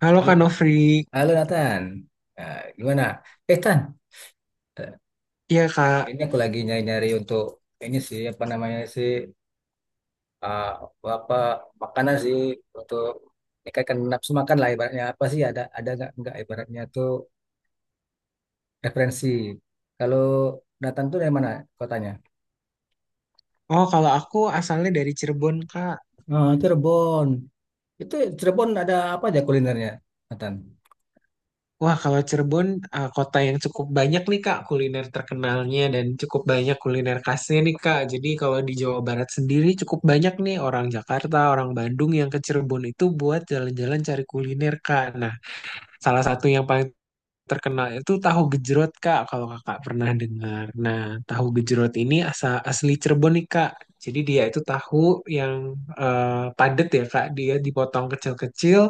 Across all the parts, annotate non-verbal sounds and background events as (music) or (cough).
Halo Kak Hal- Nofri, Halo Nathan, nah, gimana? Tan, Eh, iya Kak. ini aku lagi nyari-nyari untuk ini sih apa namanya sih, ah, apa makanan sih untuk meningkatkan nafsu makan lah ibaratnya apa sih, ada nggak ibaratnya tuh referensi. Kalau Nathan tuh dari mana kotanya? Oh kalau aku asalnya dari Cirebon Kak. Oh, Cirebon. Itu Cirebon ada apa aja kulinernya, Nathan? Wah kalau Cirebon kota yang cukup banyak nih Kak kuliner terkenalnya dan cukup banyak kuliner khasnya nih Kak. Jadi kalau di Jawa Barat sendiri cukup banyak nih orang Jakarta, orang Bandung yang ke Cirebon itu buat jalan-jalan cari kuliner Kak. Nah, salah satu yang paling terkenal itu tahu gejrot Kak, kalau Kakak pernah dengar. Nah, tahu gejrot ini asli Cirebon nih Kak. Jadi dia itu tahu yang padat ya Kak, dia dipotong kecil-kecil,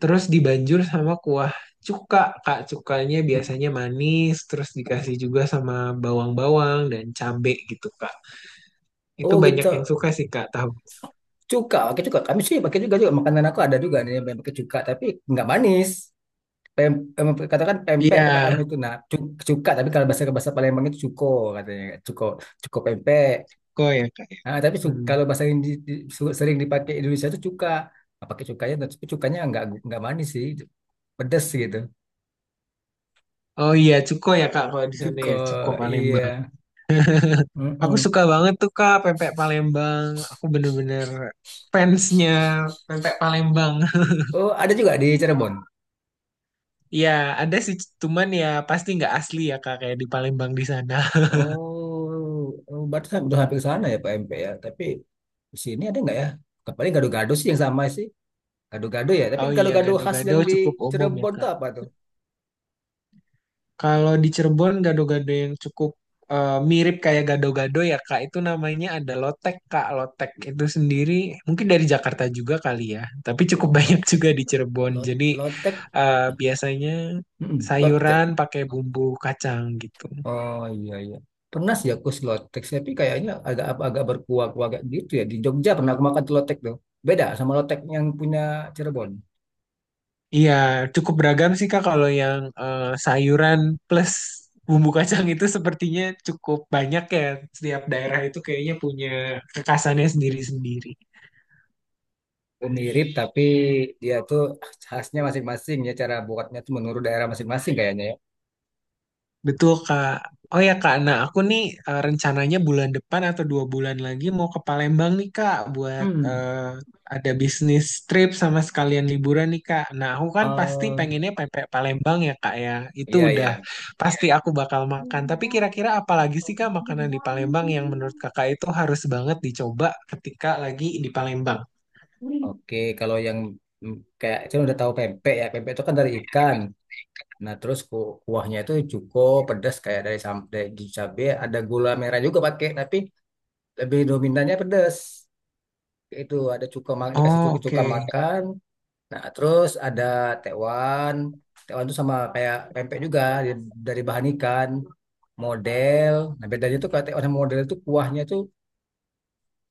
terus dibanjur sama kuah cuka Kak. Cukanya biasanya manis, terus dikasih juga sama bawang-bawang dan cabe gitu Kak. Itu Oh banyak yang gitu, suka sih Kak tahu. cuka pakai cuka. Kami sih pakai juga juga makanan, aku ada juga nih yang pakai cuka tapi nggak manis. Pem, em, katakan pempek Iya, tempat kami itu nah cuka, tapi kalau bahasa bahasa Palembang itu cuko, katanya cuko, cuko pempek. kok ya Kak. Nah, tapi Hmm. kalau bahasa yang sering dipakai Indonesia itu cuka. Nah, pakai cukanya. Nah, tapi cukanya nggak manis sih, pedes gitu. Oh iya, cuko ya Kak kalau di sana Cuko, ya, cuko iya. Palembang. Aku Mm-mm. suka banget tuh Kak pempek Palembang. Aku bener-bener fansnya pempek Palembang. (laughs) Oh ada juga di Cirebon. Iya, ada sih, cuman ya pasti nggak asli ya Kak kayak di Palembang di sana. (laughs) Oh, oh berarti udah hampir ke sana ya pak pempek ya, tapi di sini ada nggak ya. Paling gado-gado sih yang sama sih, gado-gado ya, tapi Oh iya, gado-gado khas gado-gado yang di cukup umum ya Cirebon tuh Kak. apa tuh? Kalau di Cirebon gado-gado yang cukup mirip kayak gado-gado ya Kak, itu namanya ada lotek Kak. Lotek itu sendiri mungkin dari Jakarta juga kali ya, tapi cukup Oh, (laughs) banyak lotek. juga di Cirebon. Lot Jadi Lotek. Biasanya Mm-mm. sayuran Lotek. pakai bumbu kacang gitu. Oh iya iya. Pernah sih aku si Lotek, tapi kayaknya agak agak berkuah-kuah agak gitu ya. Di Jogja pernah aku makan tuh Lotek tuh. Beda sama Lotek yang punya Cirebon. Iya, cukup beragam sih Kak kalau yang sayuran plus bumbu kacang itu sepertinya cukup banyak ya. Setiap daerah itu kayaknya punya kekhasannya sendiri-sendiri. Mirip tapi dia tuh khasnya masing-masing ya, cara buatnya tuh menurut daerah masing-masing kayaknya ya. Betul, Kak. Oh ya, Kak. Nah, aku nih rencananya bulan depan atau dua bulan lagi mau ke Palembang nih, Kak, buat Hmm. Ada bisnis trip sama sekalian liburan nih, Kak. Nah, aku kan pasti Oh pengennya pempek Palembang ya, Kak ya. Itu iya iya. udah pasti aku bakal makan. Tapi kira-kira apa lagi sih, Kak, makanan di Palembang yang menurut Kakak itu harus banget dicoba ketika lagi di Palembang? Oke, kalau yang mm, kayak saya udah tahu pempek ya. Pempek itu kan dari ikan. Nah, terus kuahnya itu cuko pedas kayak dari dari cabe, ada gula merah juga pakai, tapi lebih dominannya pedas. Itu ada cuka dikasih Oh, cuka cuka oke. makan. Nah, terus ada tewan. Tewan itu sama kayak pempek juga dari bahan ikan. Model. Nah, bedanya tuh kalau tewan sama model itu kuahnya tuh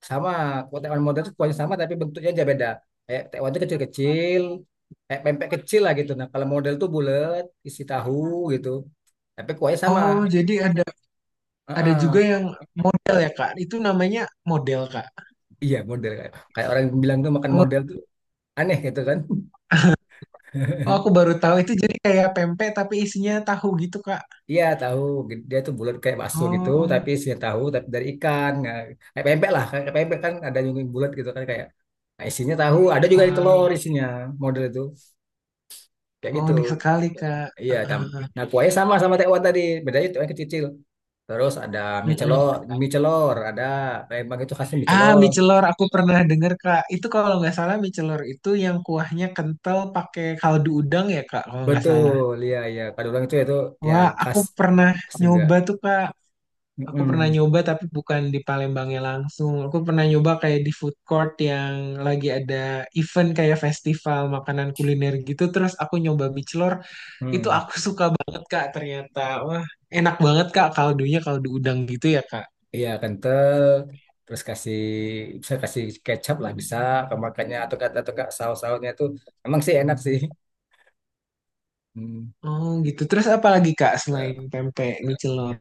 sama. Kalau tekwan modern itu kuahnya sama tapi bentuknya aja beda, kayak tekwan itu kecil-kecil kayak pempek kecil lah gitu. Nah, kalau model tuh bulat isi tahu gitu, tapi kuahnya sama. Oh, jadi ada Heeh. juga yang model ya, Kak. Itu namanya model, Kak. Iya model, kayak kayak orang bilang tuh makan model tuh aneh gitu kan. Oh, aku (laughs) baru tahu itu jadi kayak pempek tapi isinya tahu gitu, Kak. Iya tahu, dia tuh bulat kayak bakso gitu Oh, tapi isinya tahu tapi dari ikan. Nah, kayak pempek lah, kayak pempek kan ada yang bulat gitu kan kayak. Nah, isinya tahu, ada juga yang telur wah. isinya. Model itu kayak Oh, gitu. unik sekali, Kak. Iya, Ah, ah, ah. Nah, kuahnya sama sama tekwan tadi, bedanya tekwan kecil. Terus ada mie Mm-mm. celor, ada, Palembang itu khasnya mie Ah, celor. mie celor aku pernah dengar, Kak. Itu kalau nggak salah mie celor itu yang kuahnya kental pakai kaldu udang ya, Kak, kalau nggak salah. Betul, iya iya. Padahal itu ya Wah, aku khas pernah khas juga. nyoba tuh, Kak. Aku pernah Mm-mm. nyoba tapi bukan di Palembangnya langsung. Aku pernah nyoba kayak di food court yang lagi ada event kayak festival makanan kuliner gitu. Terus aku nyoba mie celor. Itu Hmm. aku (laughs) suka banget Kak ternyata. Wah, enak banget Kak kaldunya kaldu udang gitu ya Kak. Iya, kental. Terus kasih, bisa kasih kecap lah, bisa kemakannya atau kata atau saus-sausnya itu emang sih enak sih. Hmm. Oh gitu. Terus apa lagi Kak selain pempek mie celor?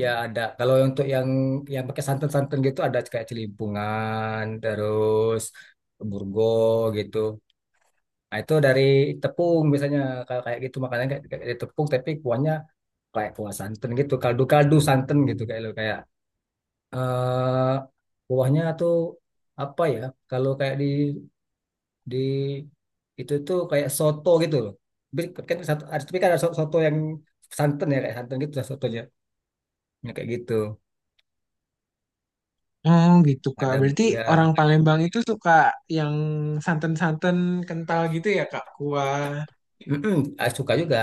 Ya ada. Kalau untuk yang pakai santan-santan gitu ada kayak celimpungan, terus burgo gitu. Nah, itu dari tepung misalnya, kalau kayak gitu makanya kayak dari tepung tapi kuahnya kayak kuah santan gitu, kaldu-kaldu santan gitu, kayak lo kayak, eh kuahnya tuh apa ya? Kalau kayak di itu tuh kayak soto gitu loh. Tapi kan satu, tapi kan ada soto yang santan ya kayak santan gitu lah sotonya. Ya, kayak gitu. Oh gitu Kak. Ada Berarti orang ya. Palembang itu suka yang santan-santan kental gitu ya Kak? Kuah. Mm-mm, suka juga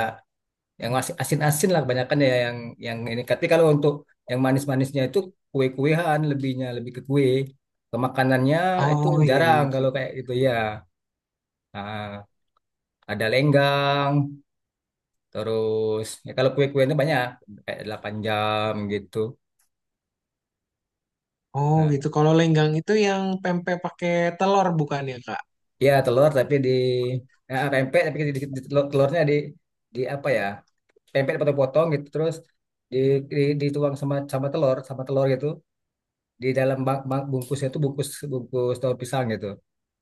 yang masih asin-asin lah kebanyakan ya, yang ini. Tapi kalau untuk yang manis-manisnya itu kue-kuean lebihnya lebih ke kue. Ke makanannya itu Oh iya jarang iya kalau Kak. kayak gitu ya. Ah, ada lenggang, terus ya kalau kue-kuenya banyak kayak 8 jam gitu. Oh Nah, gitu. Kalau lenggang itu yang pempek pakai telur bukan ya Kak? ya telur tapi di, ya, pempek tapi di telurnya di apa ya? Pempek dipotong-potong gitu terus di, dituang sama sama telur gitu di dalam bang, bang- bungkusnya itu, bungkus bungkus daun pisang gitu.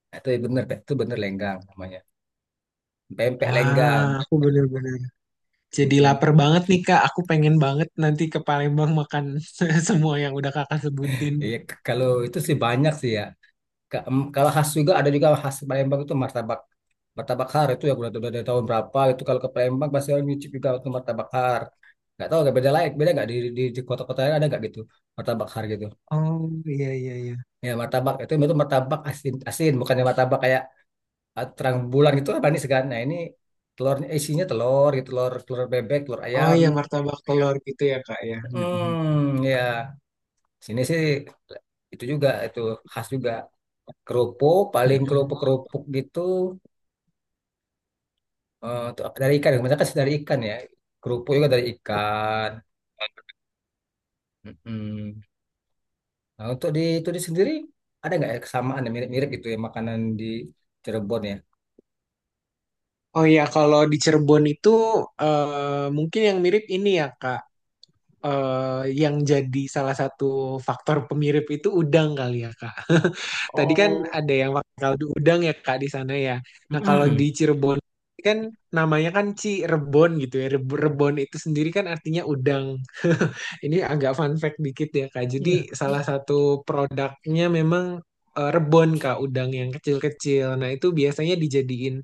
Nah, itu bener, itu bener lenggang namanya. Pempek lenggang. Wah, aku bener-bener jadi Mm-mm. lapar banget nih Kak. Aku pengen banget nanti ke Palembang makan (laughs) semua yang udah Kakak sebutin. Iya, kalau itu sih banyak sih ya. Kalau khas juga ada juga khas Palembang itu martabak, martabak har itu ya udah, dari tahun berapa itu kalau ke Palembang pasti orang nyicip juga untuk martabak har. Nggak tahu nggak beda lain, beda nggak di kota-kota lain ada nggak gitu martabak har gitu. Oh iya iya iya. Ya martabak itu martabak asin, asin bukannya martabak kayak. Terang bulan itu apa nih segan? Nah ini telurnya isinya telur gitu, telur telur bebek, telur Oh ayam. iya martabak telur gitu ya Kak ya. Mm-mm. Hmm, ya. Sini sih itu juga itu khas juga kerupuk, paling kerupuk Mm-mm. kerupuk gitu, tuh dari ikan. Kebanyakan sih dari ikan ya. Kerupuk juga dari ikan. Mm-mm. Nah untuk di itu di sendiri ada nggak ya kesamaan yang mirip-mirip gitu ya makanan di Cirebon ya? Oh iya kalau di Cirebon itu mungkin yang mirip ini ya Kak. Eh, yang jadi salah satu faktor pemirip itu udang kali ya Kak. Tadi kan Oh. ada yang pakai kaldu udang ya Kak di sana ya. Nah, kalau di Mm-mm. Cirebon kan namanya kan Cirebon gitu ya. Rebon itu sendiri kan artinya udang. (laughs) Ini agak fun fact dikit ya Kak. Jadi Iya. salah satu produknya memang rebon Kak, udang yang kecil-kecil. Nah, itu biasanya dijadiin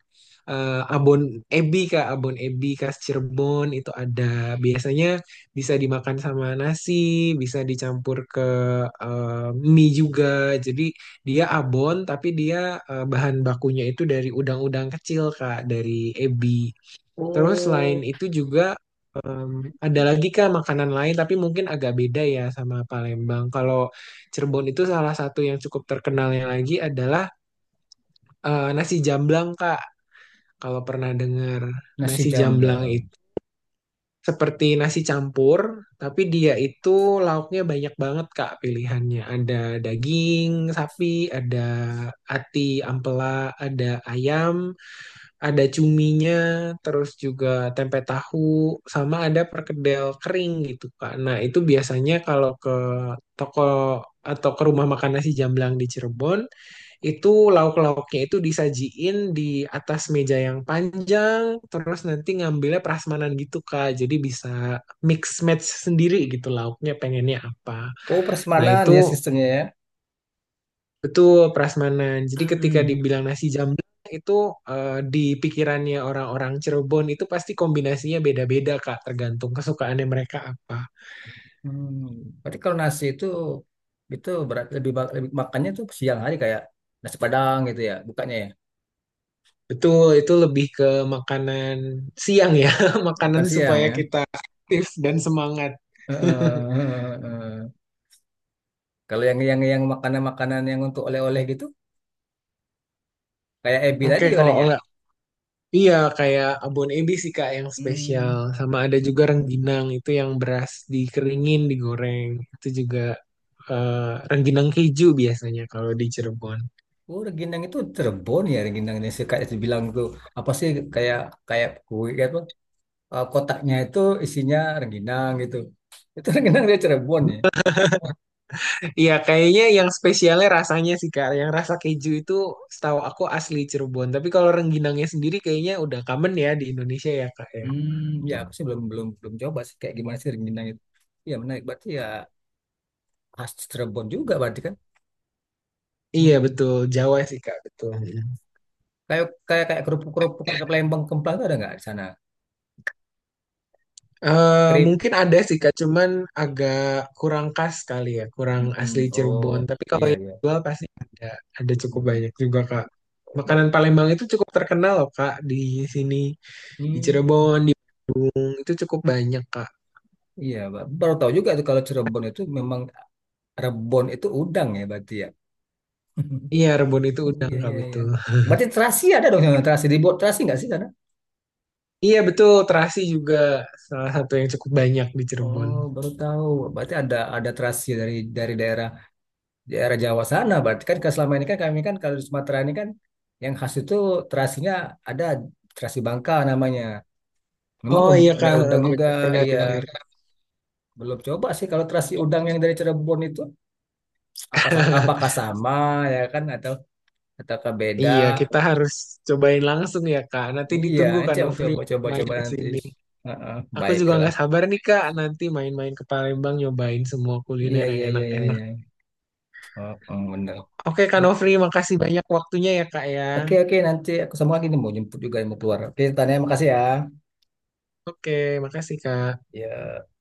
abon ebi Kak, abon ebi khas Cirebon itu ada. Biasanya bisa dimakan sama nasi, bisa dicampur ke eh, mie juga. Jadi dia abon, tapi dia bahan bakunya itu dari udang-udang kecil, Kak, dari ebi. Terus selain Oh, itu juga em, ada lagi, Kak, makanan lain, tapi mungkin agak beda ya sama Palembang. Kalau Cirebon itu salah satu yang cukup terkenalnya lagi adalah nasi jamblang, Kak. Kalau pernah dengar nasi nasi jamblang jamblang. seperti nasi campur, tapi dia itu lauknya banyak banget Kak pilihannya. Ada daging sapi, ada ati ampela, ada ayam, ada cuminya, terus juga tempe tahu, sama ada perkedel kering gitu Kak. Nah, itu biasanya kalau ke toko atau ke rumah makan nasi Jamblang di Cirebon, itu lauk-lauknya itu disajiin di atas meja yang panjang terus nanti ngambilnya prasmanan gitu Kak jadi bisa mix match sendiri gitu lauknya pengennya apa. Oh, Nah persemanan ya sistemnya ya. itu prasmanan jadi ketika Mm-mm. dibilang nasi jamblang itu di pikirannya orang-orang Cirebon itu pasti kombinasinya beda-beda Kak tergantung kesukaannya mereka apa. Hmm. Berarti kalau nasi itu, berat lebih, lebih makannya tuh siang hari kayak nasi Padang gitu ya, bukannya ya. Betul itu lebih ke makanan siang ya. (laughs) Makanan Makan siang supaya ya. kita aktif dan semangat. (laughs) Heeh. Kalau yang makanan-makanan yang untuk oleh-oleh gitu, kayak Ebi Oke, tadi kalau paling ya. oleh iya kayak abon ebi sih Kak yang spesial. Hmm. Sama ada juga rengginang itu yang beras dikeringin, digoreng. Itu juga eh, rengginang keju biasanya kalau di Cirebon. Oh, rengginang itu Cirebon ya. Rengginang ini sih kayak dibilang tuh apa sih, kayak kayak kue kayak apa, kotaknya itu isinya rengginang gitu. Itu rengginang dia Cirebon ya? Iya, kayaknya yang spesialnya rasanya sih Kak. Yang rasa keju itu setahu aku asli Cirebon. Tapi kalau rengginangnya sendiri kayaknya udah common ya di Indonesia ya Kak ya. Ya, aku sih belum belum belum coba sih kayak gimana sih rengginang itu. Ya menarik berarti ya, khas Cirebon juga berarti kan. Iya Mm-mm. betul, Jawa sih Kak, betul. Kayak kayak kayak kerupuk-kerupuk kayak Palembang, Kemplang itu ada nggak di sana? Eh, Krip. mungkin ada sih Kak, cuman agak kurang khas kali ya, kurang Mm-mm. asli Cirebon. Oh, Tapi kalau iya yang iya. jual pasti ada cukup Mm-mm. banyak juga Kak. Oh, Makanan baru. Palembang itu cukup terkenal loh Kak di sini, di Hmm, Cirebon, di Bung, itu cukup banyak Kak. iya baru tahu juga tuh kalau Cirebon itu memang Rebon itu udang ya berarti ya. (laughs) Iya, rebon itu udang Iya Kak, iya iya. betul. Berarti terasi ada dong sana, terasi dibuat terasi nggak sih sana? Iya, betul, terasi juga salah satu yang cukup banyak di Cirebon. Oh, baru tahu. Berarti ada terasi dari daerah daerah Jawa sana berarti kan, kalau selama ini kan kami kan kalau di Sumatera ini kan yang khas itu terasinya ada terasi Bangka namanya, memang Oh iya ada Kak, eh, udang juga. benar, pernah Iya, dengar. belum coba sih kalau terasi udang yang dari Cirebon itu apa apakah (laughs) sama ya kan, atau ataukah beda. Iya, kita harus cobain langsung ya Kak. Nanti Iya, ditunggu Kak coba Novri coba coba main coba ke nanti. sini. Heeh, Aku juga baiklah, nggak sabar nih Kak, nanti main-main ke Palembang nyobain semua iya kuliner yang iya iya iya enak-enak. iya, oh, oh, bener. Oke Kak Nofri, makasih banyak waktunya ya Kak ya. Oke oke, nanti aku sama lagi nih mau jemput juga yang mau keluar. Oke, tanya, makasih ya. Oke, makasih Kak. Ya.